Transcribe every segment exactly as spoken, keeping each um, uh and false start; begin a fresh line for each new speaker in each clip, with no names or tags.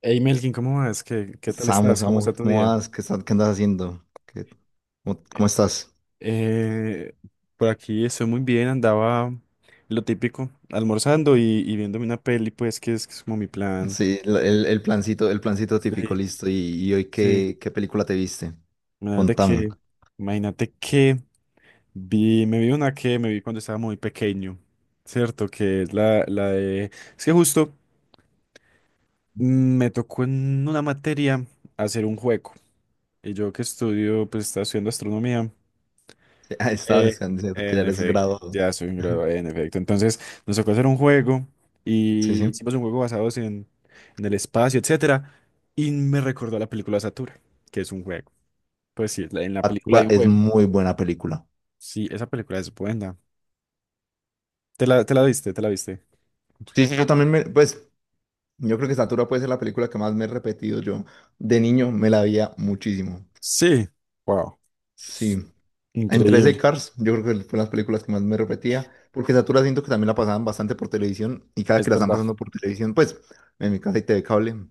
Hey Melkin, ¿cómo vas? ¿Qué, qué tal
Samu,
estás? ¿Cómo
Samu,
está tu
¿cómo
día?
vas? ¿Qué, estás- qué andas haciendo? ¿Qué- cómo,
Eh,
cómo estás?
eh, por aquí estoy muy bien. Andaba lo típico, almorzando y, y viéndome una peli, pues que es, que es como mi plan.
Sí, la- el, el plancito, el plancito típico,
Sí,
listo. ¿Y, y hoy
sí,
qué, qué película te viste?
imagínate
Contame.
que, imagínate que vi, me vi una que me vi cuando estaba muy pequeño, ¿cierto? Que es la, la de, es que justo mm, me tocó en una materia hacer un juego, y yo que estudio, pues estaba estudiando astronomía.
Sí, ah, estabas
Eh,
diciendo que ya
en
eres
efecto,
graduado.
ya soy un graduado, en efecto. Entonces nos tocó hacer un juego,
Sí,
y
sí.
hicimos un juego basado en, en el espacio, etcétera. Y me recordó la película Satura, que es un juego. Pues sí, la- en la película hay
Satura
un
es
juego.
muy buena película.
Sí, esa película es buena. ¿Te la, te la viste? ¿Te la viste?
Sí, sí, yo también me, pues, yo creo que Satura puede ser la película que más me he repetido yo. De niño me la veía muchísimo.
Sí. Wow,
Sí. Entre ese y
increíble.
Cars, yo creo que fue las películas que más me repetía, porque Satura siento que también la pasaban bastante por televisión, y cada
Es
que la están
verdad.
pasando por televisión, pues, en mi casa hay T V cable,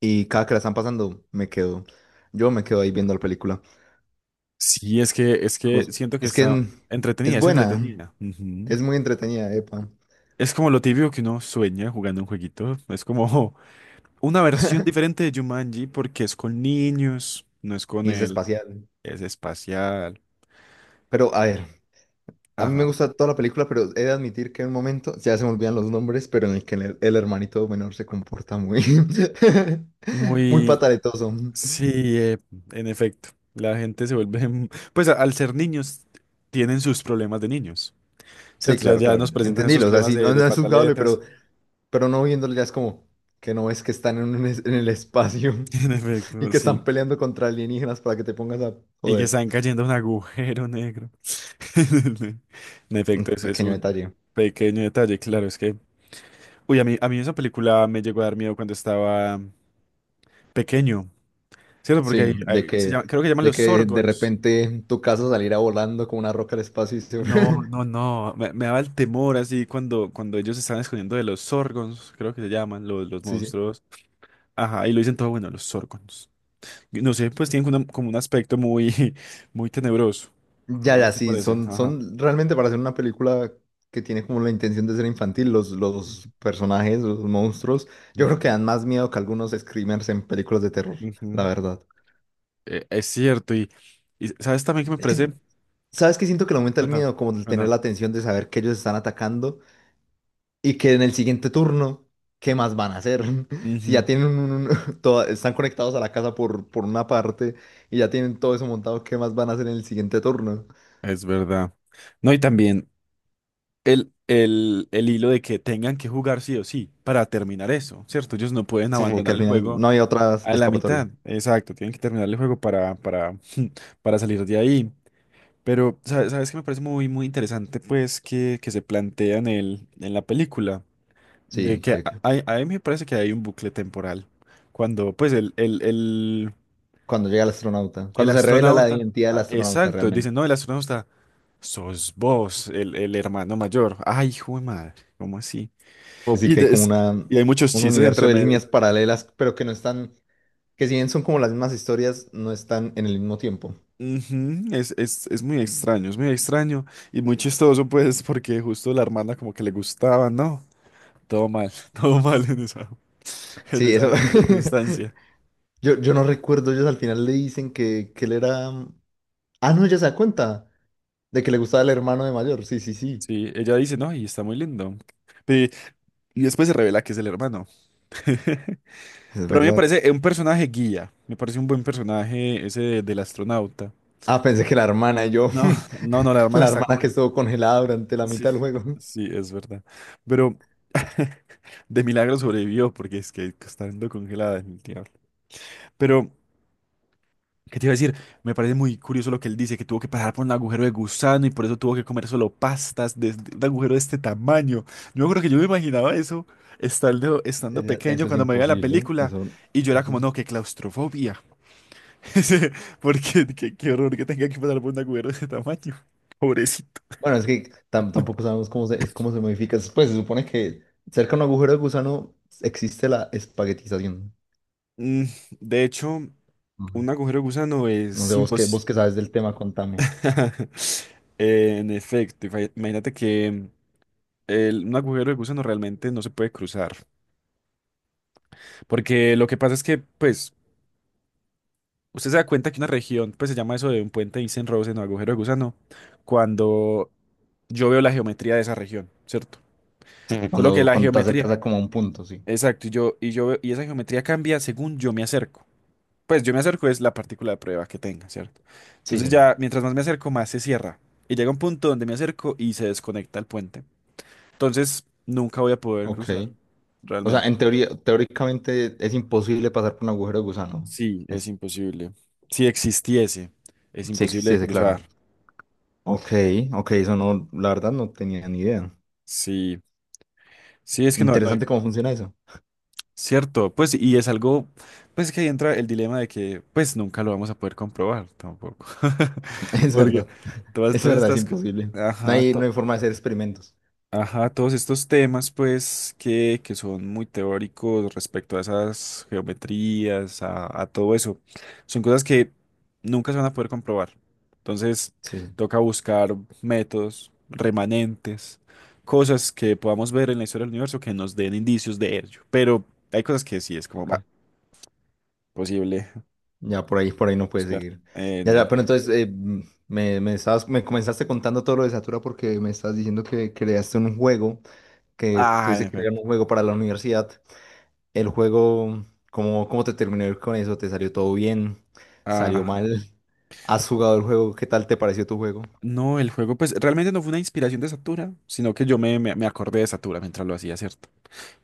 y cada que la están pasando, me quedo, yo me quedo ahí viendo la película.
Sí, es que, es que
Pues,
siento que
es que
está
en- es
entretenida, es
buena,
entretenida. Ujú.
es muy entretenida, epa,
Es como lo típico que uno sueña jugando un jueguito. Es como una versión diferente de Jumanji, porque es con niños, no es con
y es
él,
espacial.
es espacial.
Pero, a ver, a mí me
Ajá.
gusta toda la película, pero he de admitir que en un momento, ya se me olvidan los nombres, pero en el que el, el hermanito menor se comporta muy, muy
Muy,
pataletoso.
sí, eh, en efecto. La gente se vuelve, mm, pues a- al ser niños, tienen sus problemas de niños,
Sí,
¿cierto? Ya,
claro,
ya
claro.
nos presentan esos
Entendílo. O sea,
problemas
si
de,
no,
de
no es juzgable,
pataletas.
pero, pero no viéndolo ya es como que no ves que están en, un es- en el espacio
En
y
efecto,
que están
sí.
peleando contra alienígenas para que te pongas a
Y que
joder.
están cayendo a un agujero negro. En
Un
efecto, ese es
pequeño
un
detalle.
pequeño detalle, claro, es que... Uy, a mí, a mí esa película me llegó a dar miedo cuando estaba pequeño. ¿Cierto? Porque
Sí,
hay,
de
hay- se
que,
llama- creo que llaman
de
los
que de
Sorgons.
repente tu casa saliera volando como una roca al espacio y se...
No, no, no. Me, me daba el temor así cuando, cuando ellos se estaban escondiendo de los Sorgons, creo que se llaman, los, los
Sí, sí.
monstruos. Ajá, y lo dicen todo, bueno, los Sorgons. Y no sé, pues tienen una- como un aspecto muy, muy tenebroso.
Ya,
¿No,
ya,
no te
sí,
parece?
son,
Ajá.
son realmente para hacer una película que tiene como la intención de ser infantil, los, los personajes, los monstruos, yo creo que
Ujú,
dan más miedo que algunos screamers en películas de terror, la
ujú.
verdad.
Eh, es cierto, y, y ¿sabes también que me
Es que
parece?
¿Sabes qué? Siento que le aumenta el
Cuéntame,
miedo, como el tener
cuéntame.
la atención de saber que ellos están atacando y que en el siguiente turno, ¿qué más van a hacer? Si ya
Ujú.
tienen un, un- toda- están conectados a la casa por, por una parte y ya tienen todo eso montado, ¿qué más van a hacer en el siguiente turno?
Es verdad. No, y también el, el, el hilo de que tengan que jugar sí o sí para terminar eso, ¿cierto? Ellos no pueden
Sí. Y que
abandonar
al
el
final
juego
no hay otra
a la
escapatoria.
mitad, exacto, tienen que terminar el juego para, para, para salir de ahí. Pero, ¿sabe- ¿sabes qué me parece muy, muy interesante? Pues que, que se plantea en, el, en la película, de
Sí,
que
que
a-
que
hay- a mí me parece que hay un bucle temporal, cuando pues el, el, el,
cuando llega el astronauta,
el
cuando se revela la
astronauta,
identidad del
ah,
astronauta
exacto,
realmente.
dicen, no, el astronauta... Sos vos, el, el hermano mayor. Ay, hijo de madre, ¿cómo así?
Así
Y,
que hay
de-
como
es-
una,
y hay muchos
un
chistes
universo
entre
de líneas
medio.
paralelas, pero que no están, que si bien son como las mismas historias, no están en el mismo tiempo.
Ujú. Es, es, es muy extraño, es muy extraño y muy chistoso, pues, porque justo la hermana como que le gustaba, ¿no? Todo mal, todo mal en esa, en
Sí, eso.
esa circunstancia.
Yo, yo no recuerdo, ellos al final le dicen que, que él era... mm, ah, no, ella se da cuenta de que le gustaba el hermano de mayor. Sí, sí, sí.
Sí, ella dice, no, y está muy lindo. Pe- Y después se revela que es el hermano.
Es
Pero a mí me
verdad.
parece eh, un personaje guía, me parece un buen personaje ese de- del astronauta.
Ah, pensé que la hermana y yo,
No, no, no, la hermana
la
está
hermana
con
que estuvo congelada durante la
sí,
mitad del juego.
sí, es verdad. Pero de milagro sobrevivió, porque es que está estando congelada es pero, ¿qué te iba a decir? Me parece muy curioso lo que él dice, que tuvo que pasar por un agujero de gusano y por eso tuvo que comer solo pastas de de un agujero de este tamaño. Yo creo que yo me imaginaba eso estando, estando
Ella-
pequeño
eso es
cuando me veía la
imposible, ¿eh?
película,
Eso...
y yo era como,
sí.
no, qué claustrofobia. Sí. Porque qué, qué horror que tenga que pasar por un agujero de ese tamaño. Pobrecito.
Bueno, es que tam- tampoco sabemos cómo se, es- cómo se modifica. Pues se supone que cerca de un agujero de gusano existe la espaguetización.
Mm, de hecho.
No sé,
Un agujero de gusano
no sé,
es
vos qué, vos
imposible.
qué sabes del tema, contame.
En efecto, ifa- imagínate que el- un agujero de gusano realmente no se puede cruzar. Porque lo que pasa es que, pues, usted se da cuenta que una región, pues se llama eso de un puente Eysenck-Rosen o agujero de gusano, cuando yo veo la geometría de esa región, ¿cierto?
Sí,
Solo que
cuando,
la
cuando te
geometría,
acercas a como a un punto, sí.
exacto, y yo, y yo veo- y esa geometría cambia según yo me acerco. Pues yo me acerco, es la partícula de prueba que tenga, ¿cierto?
Sí,
Entonces
sí.
ya, mientras más me acerco, más se cierra. Y llega un punto donde me acerco y se desconecta el puente. Entonces, nunca voy a poder
Ok.
cruzar,
O sea,
realmente.
en teoría, teóricamente es imposible pasar por un agujero de gusano.
Sí, es
Es,
imposible. Si existiese, es
sí
imposible de
existiese,
cruzar.
claro. Ok, ok, eso no, la verdad no tenía ni idea.
Sí, sí, es que no, no hay,
Interesante cómo funciona eso.
¿cierto? Pues, y es algo, pues que ahí entra el dilema de que, pues, nunca lo vamos a poder comprobar tampoco.
Es
Porque
verdad.
todas,
Es
todas
verdad, es
estas... co-
imposible. No
ajá,
hay, no
to-
hay forma de hacer experimentos.
ajá, todos estos temas, pues, que, que son muy teóricos respecto a esas geometrías, a, a todo eso, son cosas que nunca se van a poder comprobar. Entonces,
Sí, sí.
toca buscar métodos, remanentes, cosas que podamos ver en la historia del universo que nos den indicios de ello. Pero hay cosas que sí es como
Ok.
bah, posible
Ya por ahí, por ahí no puedes
buscar.
seguir.
En
Ya, ya, pero
efecto.
entonces eh, mm, me, me estabas, me comenzaste contando todo lo de Satura porque me estabas diciendo que creaste un juego, que
Ah, en
tuviste que crear
efecto.
un juego para la universidad. El juego, ¿cómo, cómo te terminó con eso? ¿Te salió todo bien? ¿Salió
Ah,
mal? ¿Has jugado el juego? ¿Qué tal te pareció tu juego?
no, el juego, pues, realmente no fue una inspiración de Satura, sino que yo me, me me acordé de Satura mientras lo hacía, ¿cierto?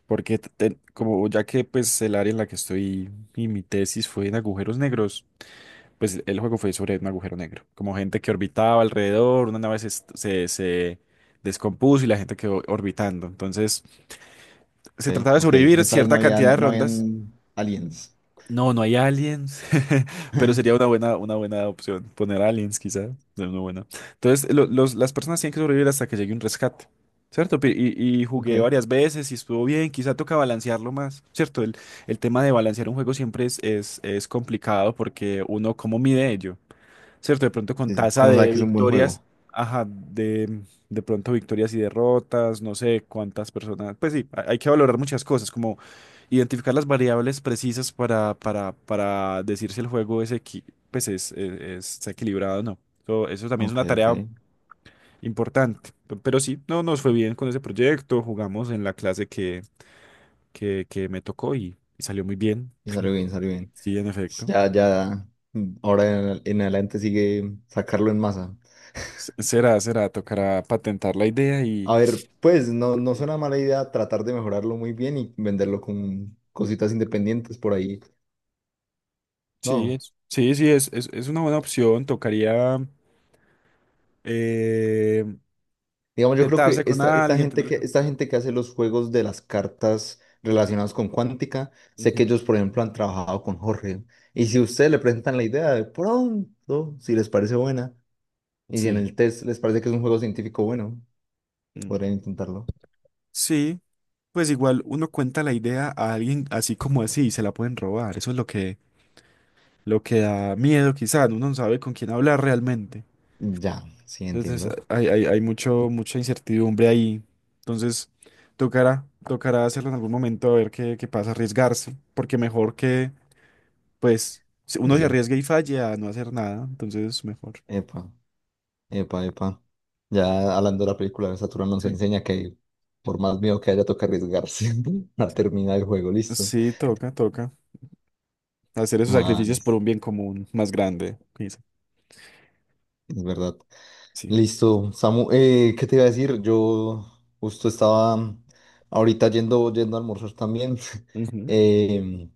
Porque t- te- como ya que pues el área en la que estoy y mi tesis fue en agujeros negros, pues el juego fue sobre un agujero negro, como gente que orbitaba alrededor, una nave se, est- se, se descompuso y la gente quedó orbitando. Entonces se
Ok,
trataba de
ok, en
sobrevivir
esta vez no
cierta cantidad de
habían, no
rondas,
habían aliens.
no, no hay aliens, pero sería una buena, una buena opción. Poner aliens, quizá. No, no, bueno. Entonces, lo- los, las personas tienen que sobrevivir hasta que llegue un rescate, ¿cierto? Pi- Y, y
Ok,
jugué varias veces y estuvo bien. Quizá toca balancearlo más, ¿cierto? El, el tema de balancear un juego siempre es, es, es complicado, porque uno, ¿cómo mide ello? ¿Cierto? De pronto con
sí, sí.
tasa
¿Cómo sabes
de
que es un buen
victorias,
juego?
ajá, de, de pronto victorias y derrotas, no sé cuántas personas, pues sí, hay hay que valorar muchas cosas, como identificar las variables precisas para, para, para decir si el juego es, equi- pues es, es- es- está equilibrado o no. Eso, eso también es
Ok,
una
ok.
tarea importante. P- pero sí, no nos fue bien con ese proyecto, jugamos en la clase que, que, que me tocó, y, y salió muy bien,
Y salió bien, salió bien.
sí, en efecto.
Ya, ya, mm, ahora en, en adelante sigue sacarlo en masa.
S- Será, será, tocará patentar la idea y...
A ver, pues no, no suena mala idea tratar de mejorarlo muy bien y venderlo con cositas independientes por ahí.
Sí,
No.
es, sí, sí, es, es, es una buena opción. Tocaría eh,
Digamos, yo creo que
sentarse con
esta, esta
alguien,
gente
tener...
que,
con-
esta gente que hace los juegos de las cartas relacionadas con cuántica, sé
ujú,
que ellos, por ejemplo, han trabajado con Jorge. Y si ustedes le presentan la idea de pronto, si les parece buena, y si en
sí.
el test les parece que es un juego científico bueno,
Mm.
podrían intentarlo.
Sí, pues igual uno cuenta la idea a alguien así como así y se la pueden robar. Eso es lo que, lo que da miedo, quizás. Uno no sabe con quién hablar realmente.
Ya, sí,
Entonces
entiendo.
eh, hay, hay, hay mucho, mucha incertidumbre ahí. Entonces tocará, tocará hacerlo en algún momento a ver qué, qué pasa, arriesgarse. Porque mejor que pues si
Sí,
uno se
sí.
arriesga y falla a no hacer nada, entonces mejor.
Epa, epa, epa. Ya hablando de la película de Saturno nos
Sí.
enseña que por más miedo que haya, toca arriesgarse a terminar el juego, listo.
Sí, toca, toca. Hacer esos
Ah,
sacrificios por
listo,
un bien común más grande. Dice.
es verdad.
Sí.
Listo, Samu, eh, ¿qué te iba a decir? Yo justo estaba ahorita yendo, yendo a almorzar también.
Ujú.
Em,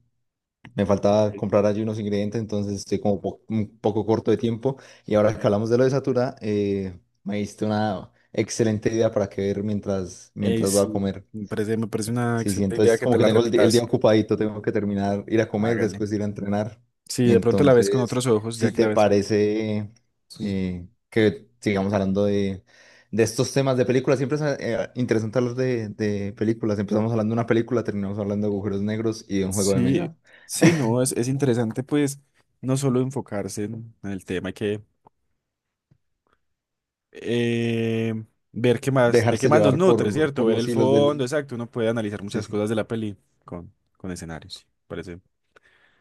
me faltaba
Ok,
comprar allí unos ingredientes, entonces estoy como po- un poco corto de tiempo. Y ahora que
ok.
hablamos de lo de Satura, eh, me diste una excelente idea para que ver mientras,
Ey,
mientras voy a
sí,
comer.
me parece, me parece una
Sí, sí,
excelente idea
entonces
que
como
te
que
la
tengo el, di- el día
repitas.
ocupadito, tengo que terminar, ir a comer,
Hágale.
después ir a entrenar.
Sí, de pronto la ves con otros
Entonces,
ojos,
si
ya que la
te
ves. Vi-
parece
Sí.
eh, que sigamos hablando de, de estos temas de películas, siempre es eh, interesante hablar de, de películas. Empezamos hablando de una película, terminamos hablando de agujeros negros y de un juego de
Sí,
mesa.
sí, no, es, es interesante, pues, no solo enfocarse en en el tema, hay que eh, ver qué más, de qué
Dejarse
más nos
llevar
nutre,
por,
¿cierto?
por
Ver
los
el
hilos
fondo,
del...
exacto. Uno puede analizar
Sí,
muchas
sí,
cosas de la peli con, con escenarios. Sí, parece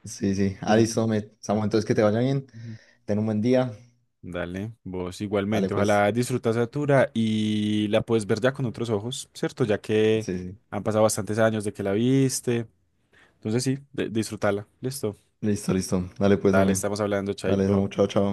sí, sí. Ah,
bien.
listo, me,
Ah,
Samu, entonces que te vaya bien,
ujú.
ten un buen día.
Dale, vos
Dale
igualmente.
pues.
Ojalá disfrutas Satura y la puedes ver ya con otros ojos, ¿cierto? Ya que
Sí, sí.
han pasado bastantes años de que la viste. Entonces sí, de- disfrutala. Listo.
Listo, listo. Dale pues,
Dale,
hombre.
estamos hablando,
Dale,
Chaito.
Samu, chao, chao.